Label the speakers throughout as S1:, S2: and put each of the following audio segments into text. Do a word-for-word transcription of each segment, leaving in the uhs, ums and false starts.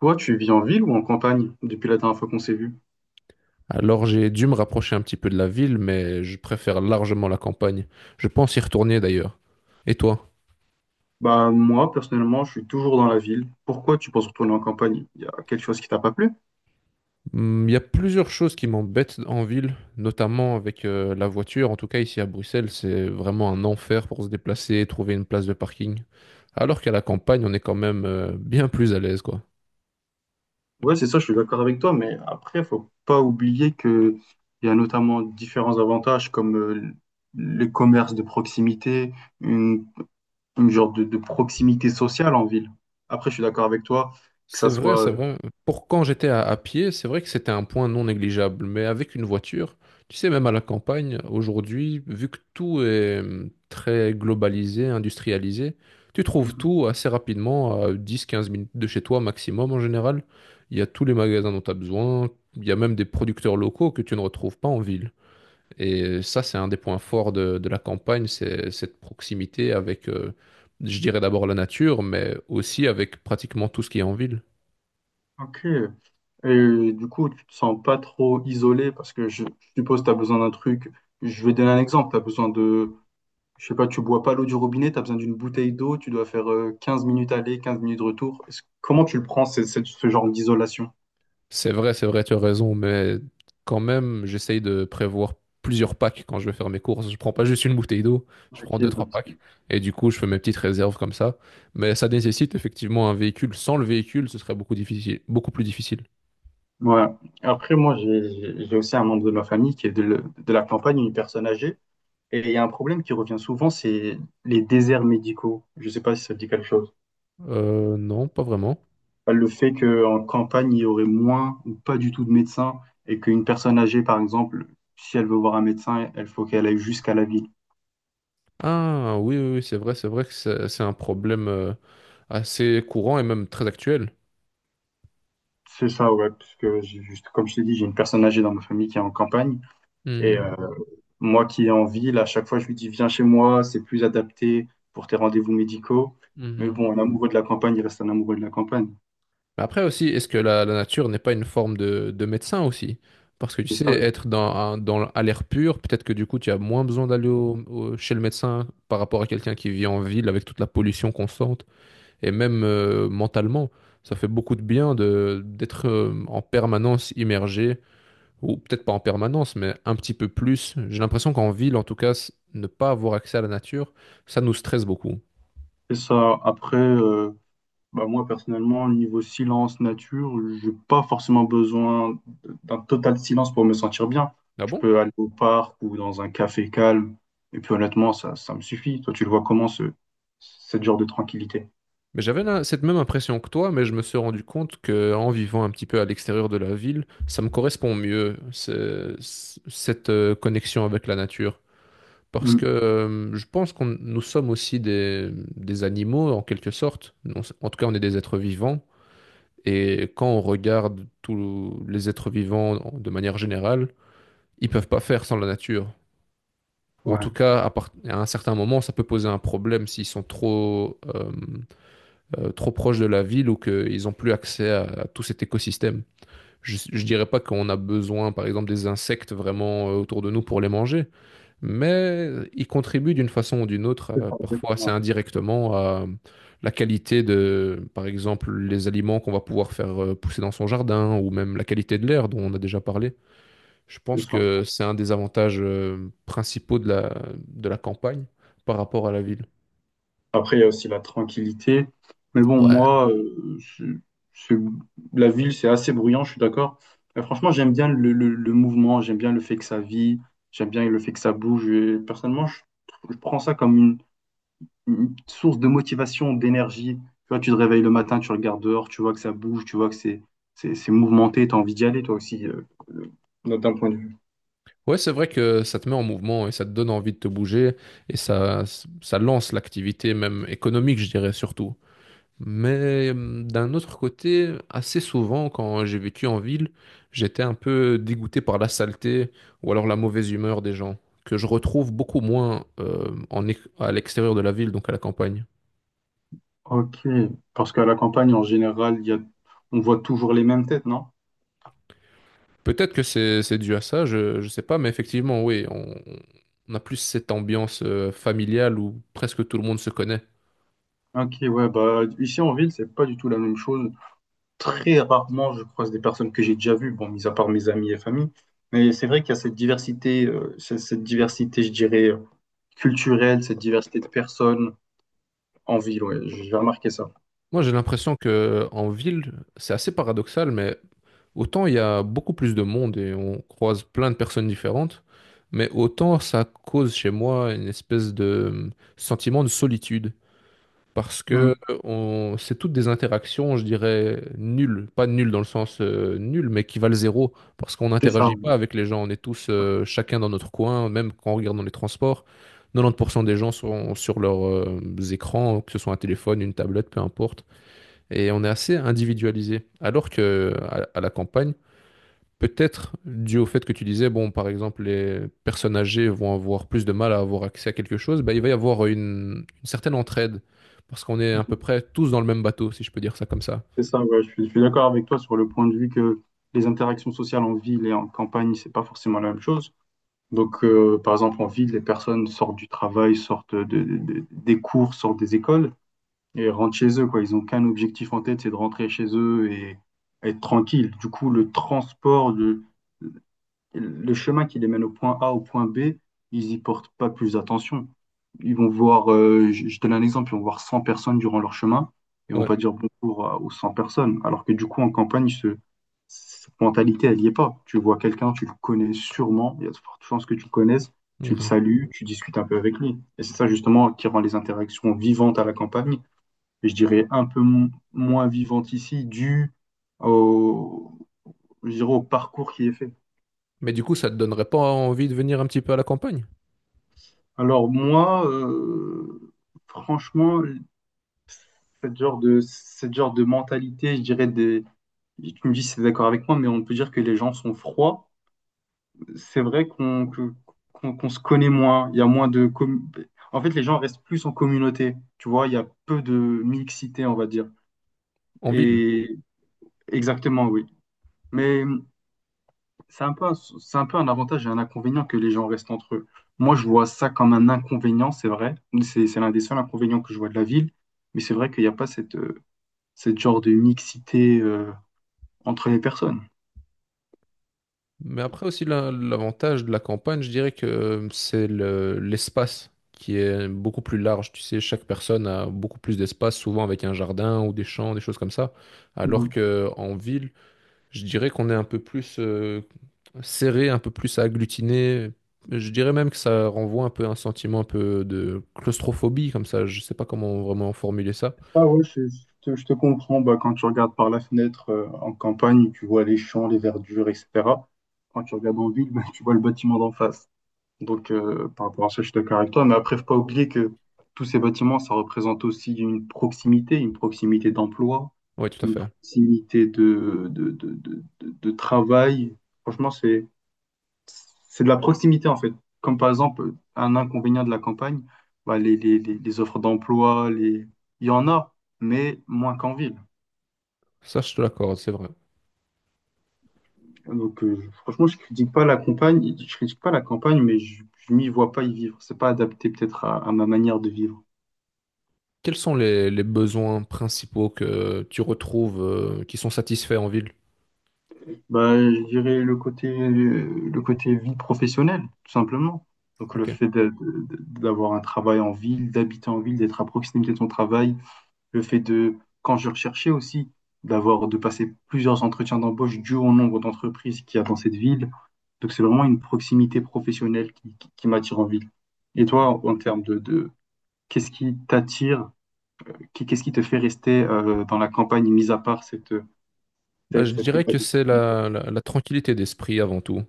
S1: Toi, tu vis en ville ou en campagne depuis la dernière fois qu'on s'est vu?
S2: Alors j'ai dû me rapprocher un petit peu de la ville, mais je préfère largement la campagne. Je pense y retourner d'ailleurs. Et toi?
S1: Bah, moi, personnellement, je suis toujours dans la ville. Pourquoi tu penses retourner en campagne? Il y a quelque chose qui t'a pas plu?
S2: Hmm, il y a plusieurs choses qui m'embêtent en ville, notamment avec euh, la voiture. En tout cas, ici à Bruxelles, c'est vraiment un enfer pour se déplacer, trouver une place de parking. Alors qu'à la campagne, on est quand même euh, bien plus à l'aise, quoi.
S1: Ouais, c'est ça, je suis d'accord avec toi, mais après, faut pas oublier que il y a notamment différents avantages comme euh, le commerce de proximité, une, une genre de, de proximité sociale en ville. Après, je suis d'accord avec toi que
S2: C'est
S1: ça
S2: vrai,
S1: soit
S2: c'est vrai. Pour quand j'étais à, à pied, c'est vrai que c'était un point non négligeable. Mais avec une voiture, tu sais, même à la campagne, aujourd'hui, vu que tout est hum, très globalisé, industrialisé, tu
S1: euh,
S2: trouves tout assez rapidement, à dix, quinze minutes de chez toi maximum en général. Il y a tous les magasins dont tu as besoin. Il y a même des producteurs locaux que tu ne retrouves pas en ville. Et ça, c'est un des points forts de, de la campagne, c'est cette proximité avec, euh, je dirais d'abord la nature, mais aussi avec pratiquement tout ce qui est en ville.
S1: ok. Et du coup, tu te sens pas trop isolé parce que je, je suppose tu as besoin d'un truc. Je vais donner un exemple. Tu as besoin de, je sais pas, tu bois pas l'eau du robinet, tu as besoin d'une bouteille d'eau, tu dois faire euh, quinze minutes aller, quinze minutes retour. Est-ce- comment tu le prends, ce, ce- ce genre d'isolation?
S2: C'est vrai, c'est vrai, tu as raison, mais quand même, j'essaye de prévoir plusieurs packs quand je vais faire mes courses. Je prends pas juste une bouteille d'eau, je prends
S1: Ok,
S2: deux, trois
S1: donc,
S2: packs, et du coup, je fais mes petites réserves comme ça. Mais ça nécessite effectivement un véhicule. Sans le véhicule, ce serait beaucoup difficile, beaucoup plus difficile.
S1: ouais. Après, moi, j'ai j'ai- j'ai aussi un membre de ma famille qui est de, le- de la campagne, une personne âgée. Et il y a un problème qui revient souvent, c'est les déserts médicaux. Je sais pas si ça te dit quelque chose.
S2: Euh, non, pas vraiment.
S1: Le fait qu'en campagne, il y aurait moins ou pas du tout de médecins et qu'une personne âgée, par exemple, si elle veut voir un médecin, elle faut qu'elle aille jusqu'à la ville.
S2: Ah, oui, oui, oui, c'est vrai, c'est vrai que c'est c'est un problème euh, assez courant et même très actuel.
S1: C'est ça, ouais, parce que j'ai juste, comme je t'ai dit, j'ai une personne âgée dans ma famille qui est en campagne et
S2: Hmm,
S1: euh, moi qui est en ville, à chaque fois, je lui dis, viens chez moi, c'est plus adapté pour tes rendez-vous médicaux. Mais
S2: mhm.
S1: bon, un amoureux de la campagne, il reste un amoureux de la campagne.
S2: Mais après aussi, est-ce que la, la nature n'est pas une forme de, de médecin aussi? Parce que tu
S1: C'est
S2: sais,
S1: ça.
S2: être dans, un- dans, à l'air pur, peut-être que du coup, tu as moins besoin d'aller au- au- chez le médecin par rapport à quelqu'un qui vit en ville avec toute la pollution constante. Et même euh, mentalement, ça fait beaucoup de bien de, d'être euh, en permanence immergé, ou peut-être pas en permanence, mais un petit peu plus. J'ai l'impression qu'en ville, en tout cas, s- ne pas avoir accès à la nature, ça nous stresse beaucoup.
S1: C'est ça. Après, euh, bah moi, personnellement, niveau silence, nature, j'ai pas forcément besoin d'un total silence pour me sentir bien.
S2: Ah
S1: Je
S2: bon?
S1: peux aller au parc ou dans un café calme. Et puis honnêtement, ça, ça me suffit. Toi, tu le vois comment ce, ce genre de tranquillité?
S2: Mais j'avais la- cette même impression que toi, mais je me suis rendu compte que en vivant un petit peu à l'extérieur de la ville, ça me correspond mieux, ce- ce- cette euh, connexion avec la nature. Parce
S1: Mm.
S2: que euh, je pense qu'on nous sommes aussi des, des animaux, en quelque sorte. Non, c'est- en tout cas, on est des êtres vivants. Et quand on regarde tous les êtres vivants de manière générale, ils peuvent pas faire sans la nature. Ou en tout
S1: Ouais.
S2: cas, à, part- à un certain moment, ça peut poser un problème s'ils sont trop... euh, euh, trop proches de la ville ou qu'ils n'ont plus accès à, à tout cet écosystème. Je ne dirais pas qu'on a besoin, par exemple, des insectes vraiment euh, autour de nous pour les manger, mais ils contribuent d'une façon ou d'une autre,
S1: C'est
S2: euh,
S1: ça,
S2: parfois assez
S1: exactement.
S2: indirectement, à la qualité de, par exemple, les aliments qu'on va pouvoir faire euh, pousser dans son jardin, ou même la qualité de l'air dont on a déjà parlé. Je
S1: C'est
S2: pense
S1: ça.
S2: que c'est un des avantages euh, principaux de la, de la campagne par rapport à la ville.
S1: Après, il y a aussi la tranquillité. Mais bon,
S2: Ouais,
S1: moi, euh, c'est- c'est- la ville, c'est assez bruyant, je suis d'accord. Mais franchement, j'aime bien le, le- le mouvement, j'aime bien le fait que ça vit, j'aime bien le fait que ça bouge. Et personnellement, je, je prends ça comme une, une source de motivation, d'énergie. Tu vois, tu te réveilles le matin, tu regardes dehors, tu vois que ça bouge, tu vois que c'est, c'est, c'est mouvementé, tu as envie d'y aller, toi aussi, euh, euh, d'un point de vue.
S2: ouais, c'est vrai que ça te met en mouvement et ça te donne envie de te bouger et ça, ça lance l'activité même économique, je dirais surtout. Mais hum, d'un autre côté, assez souvent quand j'ai vécu en ville, j'étais un peu dégoûté par la saleté ou alors la mauvaise humeur des gens, que je retrouve beaucoup moins euh, en, é- à l'extérieur de la ville, donc à la campagne.
S1: Ok, parce qu'à la campagne, en général, il y a, on voit toujours les mêmes têtes, non?
S2: Peut-être que c'est c'est dû à ça, je, je sais pas, mais effectivement, oui, on, on a plus cette ambiance euh, familiale où presque tout le monde se connaît.
S1: Ok, ouais, bah ici en ville, c'est pas du tout la même chose. Très rarement, je croise des personnes que j'ai déjà vues, bon, mis à part mes amis et famille. Mais c'est vrai qu'il y a cette diversité, euh, c'est- cette diversité, je dirais, euh, culturelle, cette diversité de personnes en ville, ouais, j'ai remarqué ça.
S2: Moi, j'ai l'impression que en ville, c'est assez paradoxal, mais autant il y a beaucoup plus de monde et on croise plein de personnes différentes, mais autant ça cause chez moi une espèce de hum, sentiment de solitude. Parce que
S1: Mm.
S2: euh, on... c'est toutes des interactions, je dirais, nulles. Pas nulles dans le sens euh, nul, mais qui valent zéro. Parce qu'on
S1: C'est ça,
S2: n'interagit
S1: ouais.
S2: pas avec les gens. On est tous euh, chacun dans notre coin, même quand on regarde dans les transports. quatre-vingt-dix pour cent des gens sont sur leurs euh, écrans, que ce soit un téléphone, une tablette, peu importe et on est assez individualisé. Alors que à, à la campagne, peut-être dû au fait que tu disais, bon, par exemple, les personnes âgées vont avoir plus de mal à avoir accès à quelque chose, bah, il va y avoir une, une certaine entraide parce qu'on est à peu près tous dans le même bateau, si je peux dire ça comme ça.
S1: C'est ça, ouais, je suis, je suis d'accord avec toi sur le point de vue que les interactions sociales en ville et en campagne, c'est pas forcément la même chose. Donc, euh, par exemple, en ville, les personnes sortent du travail, sortent de- de- de- des cours, sortent des écoles. Et rentrent chez eux, quoi. Ils n'ont qu'un objectif en tête, c'est de rentrer chez eux et être tranquille. Du coup, le transport, le, le chemin qui les mène au point A, au point B, ils y portent pas plus attention. Ils vont voir, euh, je je donne un exemple, ils vont voir cent personnes durant leur chemin et on
S2: Ouais.
S1: va dire bonjour à- aux cent personnes. Alors que du coup, en campagne, ce- cette mentalité, elle n'y est pas. Tu vois quelqu'un, tu le connais sûrement, il y a de fortes chances que tu le connaisses, tu le
S2: Mhm.
S1: salues, tu discutes un peu avec lui. Et c'est ça justement qui rend les interactions vivantes à la campagne, je dirais, un peu mo- moins vivante ici, due au, je dirais, au parcours qui est fait.
S2: Mais du coup, ça te donnerait pas envie de venir un petit peu à la campagne,
S1: Alors moi, euh, franchement, cette genre de, cette genre de mentalité, je dirais, des, tu me dis si tu es d'accord avec moi, mais on peut dire que les gens sont froids. C'est vrai qu'on que- qu'on, qu'on se connaît moins, il y a moins de... com- en fait, les gens restent plus en communauté, tu vois, il y a peu de mixité, on va dire.
S2: en ville?
S1: Et exactement, oui. Mais c'est un peu un, c'est un peu un avantage et un inconvénient que les gens restent entre eux. Moi, je vois ça comme un inconvénient, c'est vrai. C'est c'est l'un des seuls inconvénients que je vois de la ville. Mais c'est vrai qu'il n'y a pas cette, euh, cette genre de mixité euh, entre les personnes.
S2: Mais après aussi, la- l'avantage de la campagne, je dirais que euh, c'est le- l'espace qui est beaucoup plus large. Tu sais, chaque personne a beaucoup plus d'espace, souvent avec un jardin ou des champs, des choses comme ça. Alors
S1: Mm.
S2: que en ville, je dirais qu'on est un peu plus euh, serré, un peu plus agglutiné. Je dirais même que ça renvoie un peu à un sentiment un peu de claustrophobie, comme ça. Je sais pas comment vraiment formuler ça.
S1: Ah ouais, je, je te, je te comprends. Bah, quand tu regardes par la fenêtre euh, en campagne, tu vois les champs, les verdures, et cetera. Quand tu regardes en ville, bah, tu vois le bâtiment d'en face. Donc, euh, par rapport à ça, je suis d'accord avec toi. Mais après, faut pas oublier que tous ces bâtiments, ça représente aussi une proximité, une proximité d'emploi,
S2: Oui, tout à
S1: une
S2: fait.
S1: proximité de, de, de, de, de- de travail. Franchement, c'est, c'est de la proximité, en fait. Comme par exemple, un inconvénient de la campagne, bah, les, les, les, les offres d'emploi, les... il y en a, mais moins qu'en ville.
S2: Ça, je te l'accorde, c'est vrai.
S1: Donc, euh, franchement, je critique pas la campagne, je critique pas la campagne, mais je, je m'y vois pas y vivre. C'est pas adapté peut-être à à ma manière de vivre.
S2: Quels sont les, les besoins principaux que tu retrouves euh, qui sont satisfaits en ville?
S1: Bah, je dirais le côté, le côté vie professionnelle, tout simplement. Donc, le
S2: Ok.
S1: fait de- de- de- d'avoir un travail en ville, d'habiter en ville, d'être à proximité de son travail, le fait de, quand je recherchais aussi, d'avoir, de passer plusieurs entretiens d'embauche dû au nombre d'entreprises qu'il y a dans cette ville. Donc, c'est vraiment une proximité professionnelle qui, qui- qui m'attire en ville. Et toi, en termes de, de- qu'est-ce qui t'attire, qu'est-ce qui te fait rester euh, dans la campagne, mis à part cette,
S2: Bah,
S1: cette,
S2: je
S1: cet
S2: dirais
S1: état
S2: que c'est
S1: d'esprit?
S2: la, la- la tranquillité d'esprit avant tout.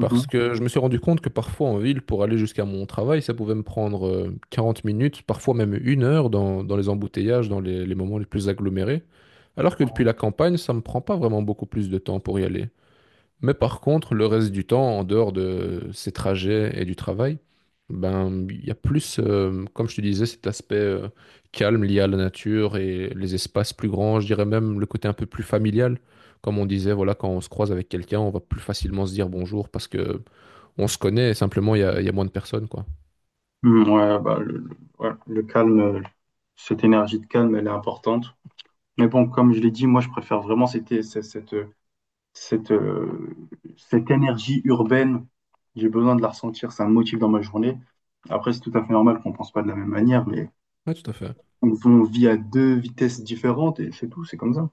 S2: Parce que je me suis rendu compte que parfois en ville, pour aller jusqu'à mon travail, ça pouvait me prendre euh, quarante minutes, parfois même une heure dans, dans les embouteillages, dans les, les moments les plus agglomérés. Alors que depuis
S1: Mhm.
S2: la campagne, ça me prend pas vraiment beaucoup plus de temps pour y aller. Mais par contre, le reste du temps, en dehors de ces trajets et du travail, ben, il y a plus, euh, comme je te disais, cet aspect euh, calme lié à la nature et les espaces plus grands, je dirais même le côté un peu plus familial. Comme on disait, voilà, quand on se croise avec quelqu'un, on va plus facilement se dire bonjour parce que on se connaît, simplement il y a, il y a moins de personnes, quoi.
S1: Mm, ouais, bah, le, le- ouais, le calme, euh, cette énergie de calme, elle est importante. Mais bon, comme je l'ai dit, moi, je préfère vraiment cette, cette, cette, cette, euh, cette énergie urbaine. J'ai besoin de la ressentir, ça me motive dans ma journée. Après, c'est tout à fait normal qu'on pense pas de la même manière, mais
S2: Ouais, tout à fait.
S1: on on vit à deux vitesses différentes et c'est tout, c'est comme ça.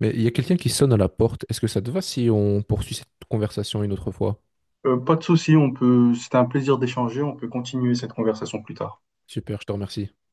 S2: Mais il y a quelqu'un qui sonne à la porte. Est-ce que ça te va si on poursuit cette conversation une autre fois?
S1: Euh, pas de souci, on peut, c'était un plaisir d'échanger, on peut continuer cette conversation plus tard.
S2: Super, je te remercie.